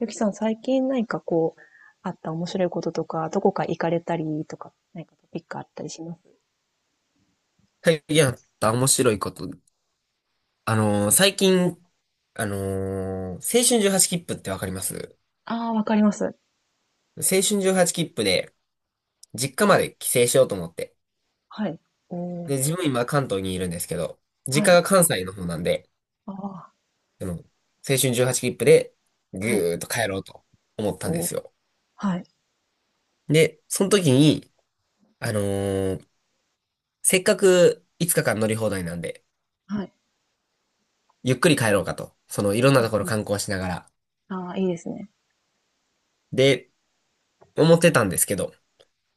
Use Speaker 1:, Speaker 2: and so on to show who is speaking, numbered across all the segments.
Speaker 1: ゆきさん、最近何かこう、あった面白いこととか、どこか行かれたりとか、何かトピックあったりします？
Speaker 2: 最近あった面白いこと。最近、青春18切符ってわかります？
Speaker 1: ああー、わかります。
Speaker 2: 青春18切符で、実家まで帰省しようと思って。
Speaker 1: はい。おー、
Speaker 2: で、自分今関東にいるんですけど、
Speaker 1: は
Speaker 2: 実家
Speaker 1: い。
Speaker 2: が関西の方なんで、
Speaker 1: ああ、
Speaker 2: での青春18切符で、ぐ
Speaker 1: はい。
Speaker 2: ーっと帰ろうと思ったんで
Speaker 1: おー、
Speaker 2: すよ。
Speaker 1: はい。
Speaker 2: で、その時に、あのーせっかく5日間乗り放題なんで、
Speaker 1: はい。
Speaker 2: ゆっくり帰ろうかと。その、いろん
Speaker 1: う
Speaker 2: な
Speaker 1: ん
Speaker 2: ところ
Speaker 1: うん、
Speaker 2: 観光しながら。
Speaker 1: ああ、いいですね。
Speaker 2: で、思ってたんですけど、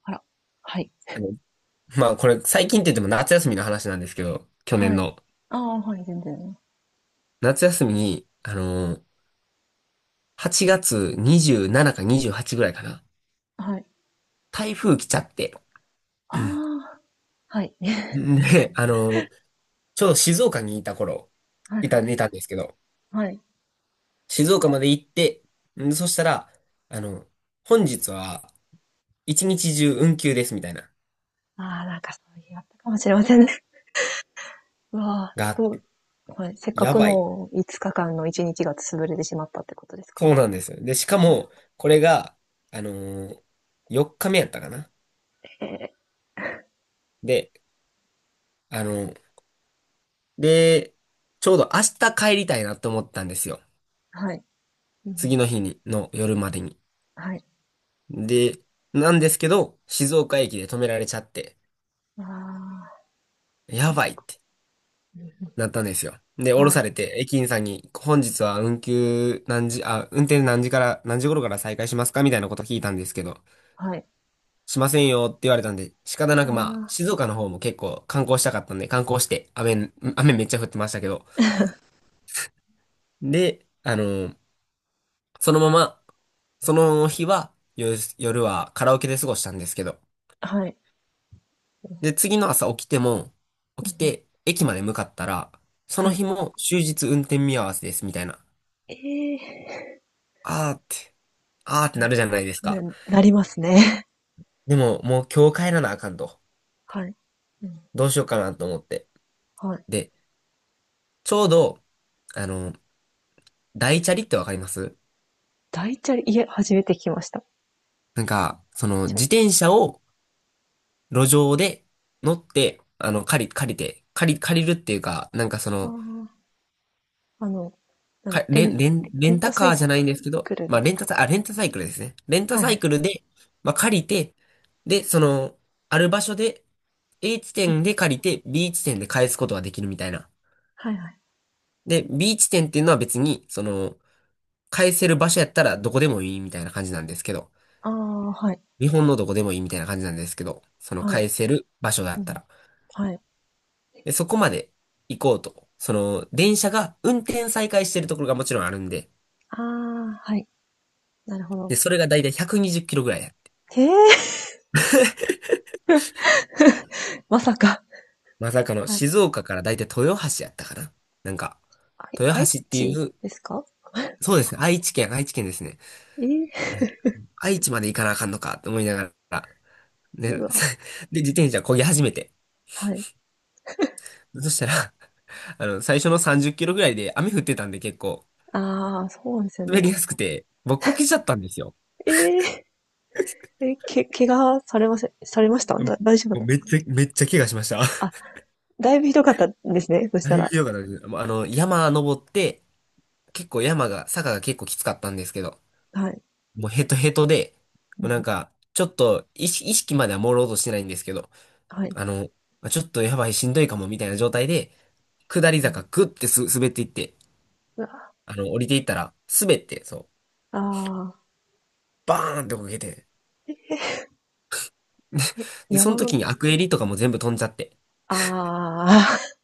Speaker 1: あら。はい。
Speaker 2: まあこれ最近って言っても夏休みの話なんですけど、去
Speaker 1: は
Speaker 2: 年
Speaker 1: い。
Speaker 2: の。
Speaker 1: ああ、はい、全然。
Speaker 2: 夏休みに、8月27か28ぐらいかな。
Speaker 1: はい。
Speaker 2: 台風来ちゃって。
Speaker 1: ああ、はい。
Speaker 2: んで、ちょうど静岡にいた頃、
Speaker 1: はい
Speaker 2: い
Speaker 1: は
Speaker 2: た、
Speaker 1: い。
Speaker 2: いたんですけど、
Speaker 1: はい。
Speaker 2: 静岡まで行って、んそしたら、あの、本日は一日中運休ですみたいな、
Speaker 1: ああ、なんかそういうのあったかもしれませんね。うわあ、
Speaker 2: があって、
Speaker 1: はい。せっか
Speaker 2: や
Speaker 1: く
Speaker 2: ばい。
Speaker 1: の5日間の1日が潰れてしまったってことですか？
Speaker 2: そうなんですよ。で、しか
Speaker 1: なる
Speaker 2: も、
Speaker 1: ほ
Speaker 2: これが、あのー、4日目やったかな。
Speaker 1: ど。
Speaker 2: で、あので、ちょうど明日帰りたいなって思ったんですよ。
Speaker 1: はい。うん、
Speaker 2: 次の日に、の夜までに。
Speaker 1: はい。
Speaker 2: で、なんですけど、静岡駅で止められちゃって、
Speaker 1: ああ、
Speaker 2: やばいって
Speaker 1: うんう
Speaker 2: なったんですよ。で、
Speaker 1: ん、
Speaker 2: 降ろ
Speaker 1: は
Speaker 2: さ
Speaker 1: い、
Speaker 2: れて、駅員さんに、本日は運休何時、あ、運転何時から、何時頃から再開しますかみたいなこと聞いたんですけど、
Speaker 1: はい。
Speaker 2: しませんよって言われたんで、仕方なくまあ、
Speaker 1: あ
Speaker 2: 静岡の方も結構観光したかったんで、観光して、雨めっちゃ降ってましたけど、で、そのまま、その日は、夜はカラオケで過ごしたんですけど。
Speaker 1: あ、はい。
Speaker 2: で、次の朝
Speaker 1: うん
Speaker 2: 起き
Speaker 1: うん、
Speaker 2: て、駅まで向かったら、そ
Speaker 1: は
Speaker 2: の日
Speaker 1: い。
Speaker 2: も終日運転見合わせですみたいな。
Speaker 1: ええ、
Speaker 2: あーって、あーってなるじゃないですか。
Speaker 1: なりますね。
Speaker 2: でも、もう今日帰らなあかんと。
Speaker 1: はい。うん、
Speaker 2: どうしようかなと思って。
Speaker 1: はい。
Speaker 2: で、ちょうど、あの、大チャリってわかります？
Speaker 1: 大チャリ、いえ、初めて聞きました。
Speaker 2: なんか、その、
Speaker 1: チャ
Speaker 2: 自
Speaker 1: リ、
Speaker 2: 転車を路上で乗って、借りるっていうか、なんかその、
Speaker 1: ああ、なんだ、
Speaker 2: か、レン、レン、レ
Speaker 1: レ
Speaker 2: ン
Speaker 1: ンタ
Speaker 2: タ
Speaker 1: サ
Speaker 2: カー
Speaker 1: イ
Speaker 2: じゃないんですけど、
Speaker 1: クル
Speaker 2: ま
Speaker 1: み
Speaker 2: あ、レ
Speaker 1: た
Speaker 2: ン
Speaker 1: い
Speaker 2: タサイ、あ、レンタサイクルですね。レンタ
Speaker 1: な。は
Speaker 2: サイ
Speaker 1: い。
Speaker 2: クルで、まあ、借りて、で、その、ある場所で、A 地
Speaker 1: う
Speaker 2: 点
Speaker 1: ん、
Speaker 2: で借りて、B 地点で返すことができるみたいな。
Speaker 1: はいはい。
Speaker 2: で、B 地点っていうのは別に、その、返せる場所やったらどこでもいいみたいな感じなんですけど、
Speaker 1: ああ、はい、
Speaker 2: 日本のどこでもいいみたいな感じなんですけど、その
Speaker 1: はい。
Speaker 2: 返せる場所だ
Speaker 1: う
Speaker 2: った
Speaker 1: ん、
Speaker 2: ら。
Speaker 1: はい。
Speaker 2: で、そこまで行こうと。その、電車が運転再開してるところがもちろんあるんで、
Speaker 1: ああ、はい。なるほ
Speaker 2: で、
Speaker 1: ど。
Speaker 2: それがだいたい120キロぐらい。
Speaker 1: へえ、まさか。
Speaker 2: まさかの
Speaker 1: はい。
Speaker 2: 静岡からだいたい豊橋やったかな。なんか、豊
Speaker 1: 愛
Speaker 2: 橋ってい
Speaker 1: 知
Speaker 2: う、
Speaker 1: ですか？
Speaker 2: そうですね、愛知県ですね。
Speaker 1: ええ、
Speaker 2: 愛知まで行かなあかんのかと思いながら、
Speaker 1: う
Speaker 2: で、で、
Speaker 1: わ、
Speaker 2: 自転車漕ぎ始めて。
Speaker 1: はい。
Speaker 2: そしたら、最初の30キロぐらいで雨降ってたんで結構、
Speaker 1: ああ、そうですよ
Speaker 2: 滑
Speaker 1: ね。
Speaker 2: りやすくて、僕こけちゃったんですよ。
Speaker 1: え ええ、怪我されませんされました、
Speaker 2: うん
Speaker 1: 大丈夫
Speaker 2: も
Speaker 1: だ
Speaker 2: う
Speaker 1: っ
Speaker 2: めっちゃ、めっちゃ怪我しました。
Speaker 1: た あ？だいぶひどかったんですね、そし
Speaker 2: だ
Speaker 1: た
Speaker 2: いぶ
Speaker 1: ら。
Speaker 2: 良かったです。もう山登って、結構山が、坂が結構きつかったんですけど、
Speaker 1: はい。
Speaker 2: もうヘトヘトで、
Speaker 1: う
Speaker 2: もうなん
Speaker 1: ん、
Speaker 2: か、ちょっと意識までは朦朧としてないんですけど、
Speaker 1: はい。
Speaker 2: あの、ちょっとやばいしんどいかもみたいな状態で、下り坂グッて滑っていって、
Speaker 1: うわ、
Speaker 2: 降りていったら、滑って、そう、
Speaker 1: ああ、
Speaker 2: バーンってこけて、
Speaker 1: え、
Speaker 2: で、で、その
Speaker 1: 山の、
Speaker 2: 時にアクエリとかも全部飛んじゃって、
Speaker 1: ああ、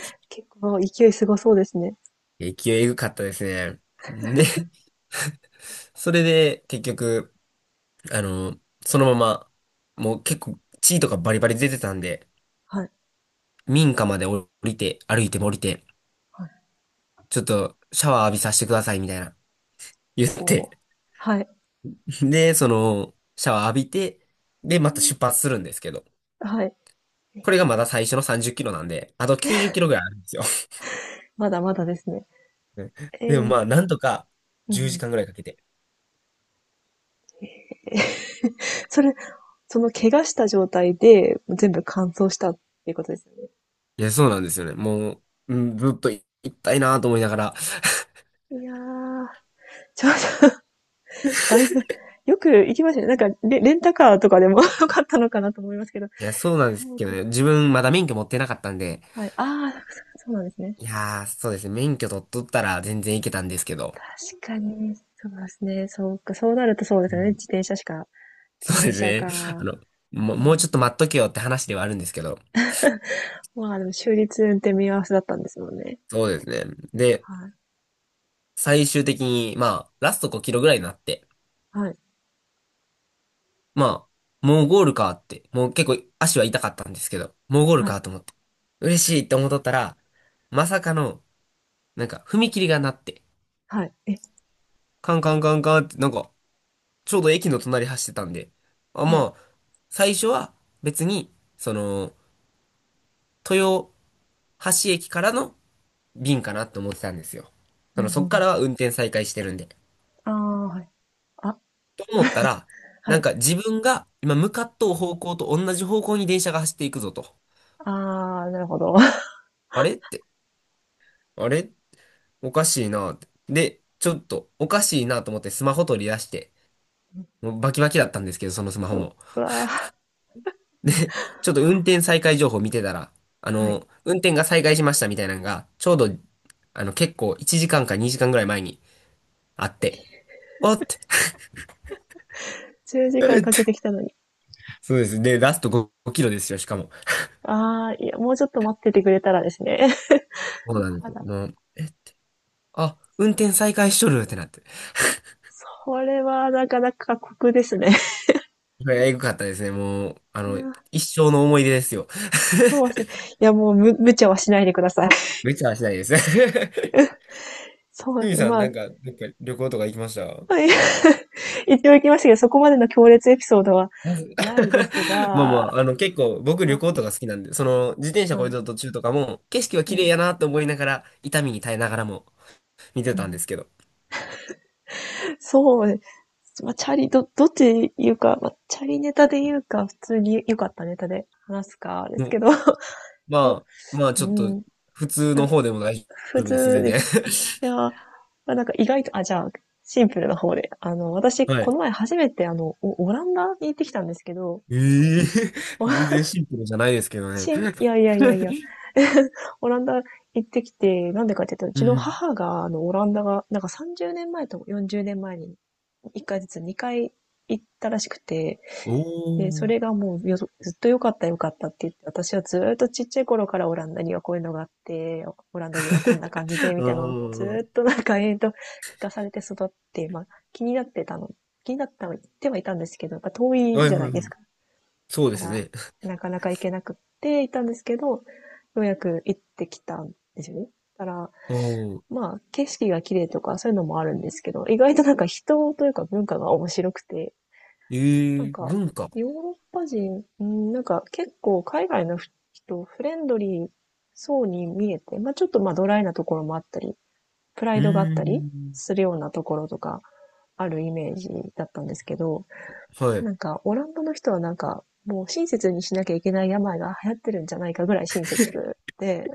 Speaker 1: 結構勢いすごそうですね。
Speaker 2: 勢いエグかったですね。で、それで結局、あの、そのまま、もう結構血とかバリバリ出てたんで、
Speaker 1: はい、
Speaker 2: 民家まで降りて、歩いても降りて、
Speaker 1: はい、
Speaker 2: ちょっとシャワー浴びさせてくださいみたいな。言っ
Speaker 1: おお。
Speaker 2: て。
Speaker 1: はい。
Speaker 2: で、その、シャワー浴びて、で、
Speaker 1: う
Speaker 2: また
Speaker 1: ん、
Speaker 2: 出発するんですけど。
Speaker 1: はい。
Speaker 2: これがまだ最初の30キロなんで、あと90キロぐらいあるんですよ。
Speaker 1: まだまだですね。え え、
Speaker 2: で
Speaker 1: で
Speaker 2: も
Speaker 1: も
Speaker 2: まあ、なんとか
Speaker 1: う
Speaker 2: 10時
Speaker 1: ん。
Speaker 2: 間ぐらいかけて。
Speaker 1: それ、その怪我した状態で、全部乾燥したっていうことですよね。
Speaker 2: いや、そうなんですよね。もう、うん、ずっと行きたいなと思いながら。
Speaker 1: いやー、ちょっとだいぶ、よく行きましたね。なんか、レンタカーとかでも よかったのかなと思いますけど。
Speaker 2: いや、そうなんですけど
Speaker 1: 僕
Speaker 2: ね。自分まだ免許持ってなかったんで、
Speaker 1: はい。ああ、そうなんですね。
Speaker 2: いやー、そうですね。免許取っとったら全然行けたんですけど。
Speaker 1: 確かに、そうですね。そうか、そうなるとそうで
Speaker 2: う
Speaker 1: すよね。
Speaker 2: ん
Speaker 1: 自転車しか、自
Speaker 2: そう
Speaker 1: 転
Speaker 2: です
Speaker 1: 車
Speaker 2: ね。あ
Speaker 1: か。
Speaker 2: の、
Speaker 1: う
Speaker 2: もうちょっと
Speaker 1: ん、
Speaker 2: 待っとけよって話ではあるんですけど。
Speaker 1: まあでも、終日運転見合わせだったんですもんね。
Speaker 2: そうですね。で、
Speaker 1: はい。
Speaker 2: 最終的に、まあ、ラスト5キロぐらいになって、
Speaker 1: はい。
Speaker 2: まあ、もうゴールかって、もう結構足は痛かったんですけど、もうゴール
Speaker 1: はい。
Speaker 2: かと思って、嬉しいって思っとったら、まさかの、なんか、踏切がなって、
Speaker 1: はい。え、
Speaker 2: カンカンカンカンって、なんか、ちょうど駅の隣走ってたんで、あ、
Speaker 1: はい。
Speaker 2: まあ、最初は別に、その、豊橋駅からの便かなって思ってたんですよ。
Speaker 1: う
Speaker 2: そ
Speaker 1: んう
Speaker 2: の、
Speaker 1: ん
Speaker 2: そ
Speaker 1: う
Speaker 2: っから
Speaker 1: ん、
Speaker 2: は運転再開してるんで。
Speaker 1: ああー、はい。あ、
Speaker 2: と思ったら、
Speaker 1: は
Speaker 2: なん
Speaker 1: い。
Speaker 2: か自分が今向かっとう方向と同じ方向に電車が走っていくぞと。
Speaker 1: ああ、なるほど。
Speaker 2: あれって、あれおかしいなって。で、ちょっとおかしいなと思ってスマホ取り出して、もうバキバキだったんですけど、そのスマホも。
Speaker 1: うわあ、
Speaker 2: で、ちょっと運転再開情報見てたら、
Speaker 1: はい。
Speaker 2: 運転が再開しましたみたいなのが、ちょうど、結構1時間か2時間ぐらい前にあって、おって、
Speaker 1: 10時
Speaker 2: え
Speaker 1: 間
Speaker 2: って
Speaker 1: かけてきたのに。
Speaker 2: そうです。で、ラスト5キロですよ、しかも。
Speaker 1: ああ、いや、もうちょっと待っててくれたらですね。
Speaker 2: そうな んで
Speaker 1: ま
Speaker 2: すよ。
Speaker 1: だ
Speaker 2: もう、え、あ、運転再開しとるってなって。
Speaker 1: それはなかなか酷ですね。
Speaker 2: えぐかったですね。もう、
Speaker 1: いや、
Speaker 2: 一生の思い出ですよ。
Speaker 1: そうです ね。いや、もう無茶はしないでください。
Speaker 2: めっちゃはしないです。ふ
Speaker 1: そうで
Speaker 2: み
Speaker 1: すね。
Speaker 2: さん、
Speaker 1: ま
Speaker 2: な
Speaker 1: あ、
Speaker 2: んか、なんか旅行とか行きました？
Speaker 1: 一応行 きましたけど、そこまでの強烈エピソードは
Speaker 2: まず
Speaker 1: ないです
Speaker 2: まあま
Speaker 1: が、
Speaker 2: あ、結構、僕旅
Speaker 1: ま
Speaker 2: 行とか好きなんで、その、自転
Speaker 1: あ、
Speaker 2: 車
Speaker 1: は
Speaker 2: こい
Speaker 1: い。
Speaker 2: でる途中とかも、景色は
Speaker 1: う
Speaker 2: 綺
Speaker 1: ん。
Speaker 2: 麗やなと思いながら、痛みに耐えながらも見て
Speaker 1: う
Speaker 2: たんで
Speaker 1: ん、
Speaker 2: すけど。
Speaker 1: そうですね。まあ、チャリ、どっちで言うか、まあ、チャリネタで言うか、普通に良かったネタで話すか、です
Speaker 2: も
Speaker 1: け
Speaker 2: う
Speaker 1: ど、
Speaker 2: まあ、まあ、
Speaker 1: う
Speaker 2: ちょっと、
Speaker 1: ん、ん
Speaker 2: 普通の方でも大
Speaker 1: 普
Speaker 2: 丈夫です、
Speaker 1: 通
Speaker 2: 全
Speaker 1: で
Speaker 2: 然。
Speaker 1: すね。いやー、まあなんか意外と、あ、じゃあ、シンプルな方で。あの、私、
Speaker 2: は
Speaker 1: この
Speaker 2: い。
Speaker 1: 前初めて、あの、オランダに行ってきたんですけど、
Speaker 2: ええ
Speaker 1: お
Speaker 2: 全然シンプルじゃないですけどね。
Speaker 1: しん、いやいやいやいや、オランダ行ってきて、なんでかって言ったら、う
Speaker 2: う
Speaker 1: ちの
Speaker 2: ん。
Speaker 1: 母が、あの、オランダが、なんか30年前と40年前に、1回ずつ2回行ったらしくて、
Speaker 2: お
Speaker 1: で、そ
Speaker 2: ー。
Speaker 1: れがもうずっと良かった良かったって言って、私はずーっとちっちゃい頃からオランダにはこういうのがあって、オランダ人はこんな感じ
Speaker 2: あ
Speaker 1: で、み
Speaker 2: あ、
Speaker 1: たいなのをずーっ
Speaker 2: は
Speaker 1: となんか延々と聞かされて育って、まあ気になってたの、気になったの、言ってはいたんですけど、やっぱ遠
Speaker 2: い
Speaker 1: い
Speaker 2: はい
Speaker 1: じゃな
Speaker 2: は
Speaker 1: いです
Speaker 2: い。
Speaker 1: か。
Speaker 2: そうで
Speaker 1: だか
Speaker 2: す
Speaker 1: ら、
Speaker 2: ね。
Speaker 1: なかなか行けなくっていたんですけど、ようやく行ってきたんですよね。だから、
Speaker 2: ああ、
Speaker 1: まあ景色が綺麗とかそういうのもあるんですけど、意外となんか人というか文化が面白くて、な
Speaker 2: え
Speaker 1: ん
Speaker 2: え
Speaker 1: か、
Speaker 2: 文化。
Speaker 1: ヨーロッパ人、うん、なんか結構海外の人、フレンドリーそうに見えて、まあちょっとまあドライなところもあったり、プラ
Speaker 2: う
Speaker 1: イドがあっ
Speaker 2: ー
Speaker 1: たり
Speaker 2: ん。
Speaker 1: するようなところとかあるイメージだったんですけど、
Speaker 2: はい。
Speaker 1: なんかオランダの人はなんかもう親切にしなきゃいけない病が流行ってるんじゃないかぐらい親切で、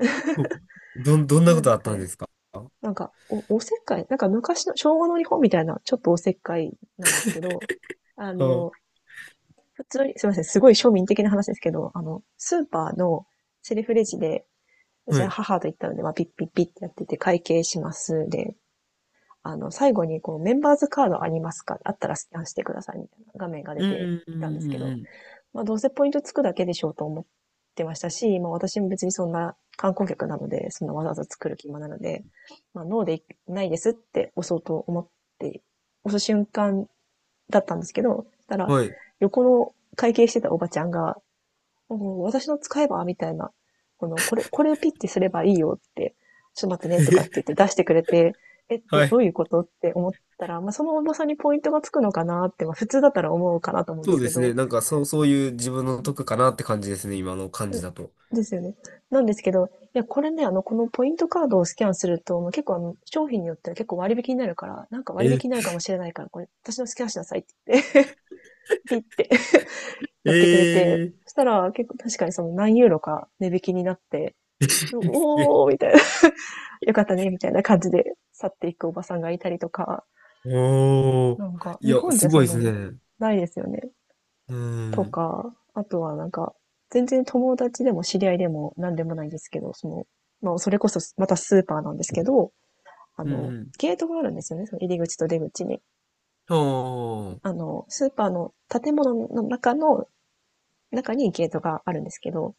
Speaker 2: どん、ど んな
Speaker 1: な
Speaker 2: こ
Speaker 1: んで
Speaker 2: と
Speaker 1: す
Speaker 2: あっ
Speaker 1: か
Speaker 2: たん
Speaker 1: ね。
Speaker 2: ですかあ？
Speaker 1: なんかおせっかい、なんか昔の昭和の日本みたいなちょっとおせっかいなんですけど、あの、普通に、すみません、すごい庶民的な話ですけど、あの、スーパーのセルフレジで、私
Speaker 2: は
Speaker 1: は
Speaker 2: い。
Speaker 1: 母と行ったので、まあ、ピッピッピッってやってて会計します。で、あの、最後にこう、メンバーズカードありますか？あったらスキャンしてくださいみたいな画面が出
Speaker 2: う
Speaker 1: て
Speaker 2: ん、う
Speaker 1: きたんです
Speaker 2: ん、
Speaker 1: けど、
Speaker 2: うん、
Speaker 1: まあ、どうせポイントつくだけでしょうと思ってましたし、まあ、私も別にそんな観光客なので、そんなわざわざ作る気もなので、まあ、ノーでないですって押そうと思って、押す瞬間だったんですけど、そした
Speaker 2: う
Speaker 1: ら、
Speaker 2: ん。はい。
Speaker 1: 横の会計してたおばちゃんが、おー私の使えばみたいな。これをピッてすればいいよって、ちょっと待って ね
Speaker 2: えへ
Speaker 1: とかって言っ
Speaker 2: へ
Speaker 1: て出してくれて、え、ど
Speaker 2: は
Speaker 1: ど
Speaker 2: い。
Speaker 1: ういうことって思ったら、まあ、その重さにポイントがつくのかなって、まあ、普通だったら思うかなと思うんで
Speaker 2: そう
Speaker 1: す
Speaker 2: で
Speaker 1: け
Speaker 2: す
Speaker 1: ど、
Speaker 2: ね。なんか、そう、そういう自分
Speaker 1: う
Speaker 2: の
Speaker 1: ん。
Speaker 2: 得かなって感じですね。今の感じ
Speaker 1: う
Speaker 2: だと。
Speaker 1: ですよね。なんですけど、いや、これね、あの、このポイントカードをスキャンすると、もう結構あの、商品によっては結構割引になるから、なんか割引
Speaker 2: え、
Speaker 1: になるかもしれないから、これ、私のスキャンしなさいって言って、ピッて やってくれて、
Speaker 2: えー
Speaker 1: そしたら結構確かにその何ユーロか値引きになって、
Speaker 2: え
Speaker 1: おおみたいな。よかったね、みたいな感じで去っていくおばさんがいたりとか、
Speaker 2: おー。
Speaker 1: なんか、
Speaker 2: い
Speaker 1: 日
Speaker 2: や、
Speaker 1: 本じ
Speaker 2: す
Speaker 1: ゃ
Speaker 2: ご
Speaker 1: そ
Speaker 2: い
Speaker 1: ん
Speaker 2: で
Speaker 1: な
Speaker 2: す
Speaker 1: の
Speaker 2: ね。
Speaker 1: ないですよね。
Speaker 2: うん。う
Speaker 1: と
Speaker 2: ん、
Speaker 1: か、あとはなんか、全然友達でも知り合いでも何でもないんですけど、その、まあ、それこそまたスーパーなんですけど、あ
Speaker 2: う
Speaker 1: の、
Speaker 2: ん。
Speaker 1: ゲートがあるんですよね、その入り口と出口に。
Speaker 2: ああ、
Speaker 1: あの、スーパーの建物の中の、中にゲートがあるんですけど、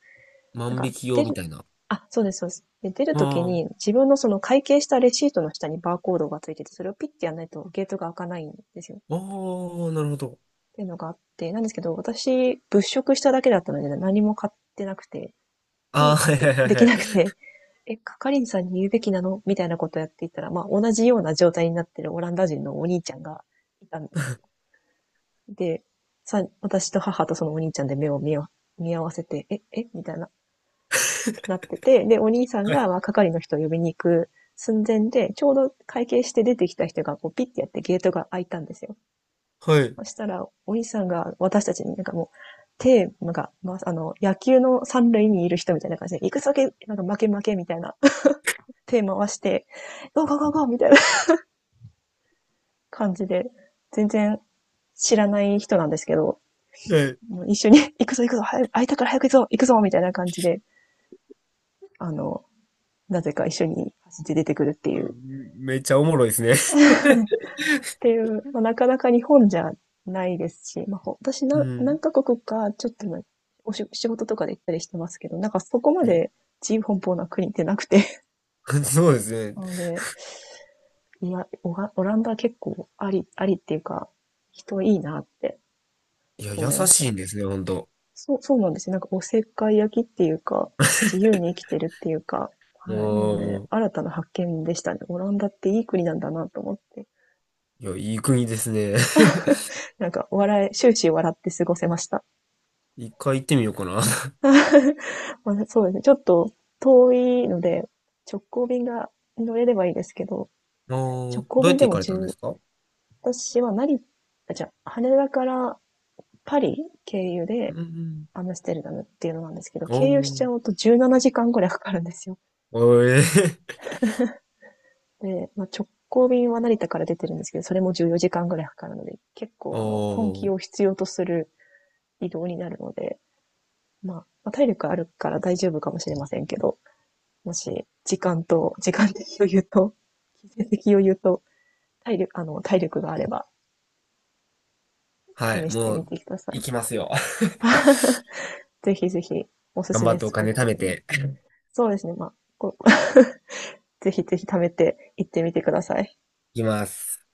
Speaker 1: なん
Speaker 2: 万
Speaker 1: か、
Speaker 2: 引き用
Speaker 1: 出
Speaker 2: み
Speaker 1: る、
Speaker 2: たいな。あ
Speaker 1: あ、そうです、そうです。で、出るとき
Speaker 2: あ。
Speaker 1: に、自分のその会計したレシートの下にバーコードがついてて、それをピッてやらないとゲートが開かないんですよ。っ
Speaker 2: おー、なるほど。
Speaker 1: ていうのがあって、なんですけど、私、物色しただけだったので、何も買ってなくて、ピ
Speaker 2: あ
Speaker 1: ー
Speaker 2: ー、
Speaker 1: っ
Speaker 2: はい
Speaker 1: て
Speaker 2: はいはい
Speaker 1: でき
Speaker 2: はい。
Speaker 1: なくて、え、係員さんに言うべきなのみたいなことをやっていたら、まあ、同じような状態になってるオランダ人のお兄ちゃんがいたんで、私と母とそのお兄ちゃんで目を見合わせて、え、えみたいな。なってて、で、お兄さん
Speaker 2: は
Speaker 1: が、
Speaker 2: い。
Speaker 1: まあ、係の人を呼びに行く寸前で、ちょうど会計して出てきた人が、こう、ピッてやってゲートが開いたんですよ。
Speaker 2: はい。
Speaker 1: そしたら、お兄さんが私たちになんかもう、なんか、まあ、あの、野球の三塁にいる人みたいな感じで、行くぞけ、なんか負け負けみたいな、手回して、ゴーゴーゴーゴーみたいな 感じで、全然知らない人なんですけど、
Speaker 2: はい。
Speaker 1: もう一緒に、行くぞ行くぞ、早く、開いたから早く行くぞ、行くぞみたいな感じで、あの、なぜか一緒に走って出てくるってい
Speaker 2: う
Speaker 1: う
Speaker 2: んめっちゃおもろいですね。
Speaker 1: っていう、まあ、なかなか日本じゃないですし、まあ、私
Speaker 2: う
Speaker 1: な何
Speaker 2: ん。
Speaker 1: カ国かちょっとの仕事とかで行ったりしてますけど、なんかそこまで自由奔放な国ってなくて。
Speaker 2: そうです ね。
Speaker 1: なので、いや、オランダは結構ありっていうか、人いいなって
Speaker 2: いや、
Speaker 1: 思
Speaker 2: 優
Speaker 1: いました。
Speaker 2: しいんですね、ほんと。
Speaker 1: そう、そうなんですよ。なんかおせっかい焼きっていうか、自由に生きてるっていうか、
Speaker 2: お
Speaker 1: はい。なので、
Speaker 2: ー。
Speaker 1: 新たな発見でしたね。オランダっていい国なんだなと思って。
Speaker 2: いや、いい国ですね。
Speaker 1: なんか、終始笑って過ごせました。
Speaker 2: 一回行ってみようかな。
Speaker 1: まあ、そうですね。ちょっと遠いので、直行便が乗れればいいですけど、
Speaker 2: お
Speaker 1: 直
Speaker 2: ー。
Speaker 1: 行
Speaker 2: どうやっ
Speaker 1: 便で
Speaker 2: て行
Speaker 1: も
Speaker 2: かれたんで
Speaker 1: 十。
Speaker 2: すか？
Speaker 1: 私は成あ、じゃあ、羽田からパリ経由
Speaker 2: う
Speaker 1: で
Speaker 2: んうん。
Speaker 1: アムステルダムっていうのなんですけど、
Speaker 2: お
Speaker 1: 経由し
Speaker 2: ー。
Speaker 1: ちゃうと17時間ぐらいかかるんですよ。
Speaker 2: おーえー。
Speaker 1: で、まあ、直行便は成田から出てるんですけど、それも14時間ぐらいかかるので、結 構あの、根
Speaker 2: お
Speaker 1: 気
Speaker 2: ー。
Speaker 1: を必要とする移動になるので、まあ、まあ体力あるから大丈夫かもしれませんけど、もし、時間的余裕と、金銭的余裕と、体力があれば、
Speaker 2: はい、
Speaker 1: 試して
Speaker 2: も
Speaker 1: み
Speaker 2: う、
Speaker 1: てください。
Speaker 2: 行きますよ。
Speaker 1: ぜひぜひ、おす
Speaker 2: 頑
Speaker 1: す
Speaker 2: 張
Speaker 1: め
Speaker 2: ってお
Speaker 1: スポッ
Speaker 2: 金貯
Speaker 1: ト
Speaker 2: め
Speaker 1: です。
Speaker 2: て、
Speaker 1: そうですね、まあ、こう ぜひぜひ貯めて行ってみてください。
Speaker 2: 行きます。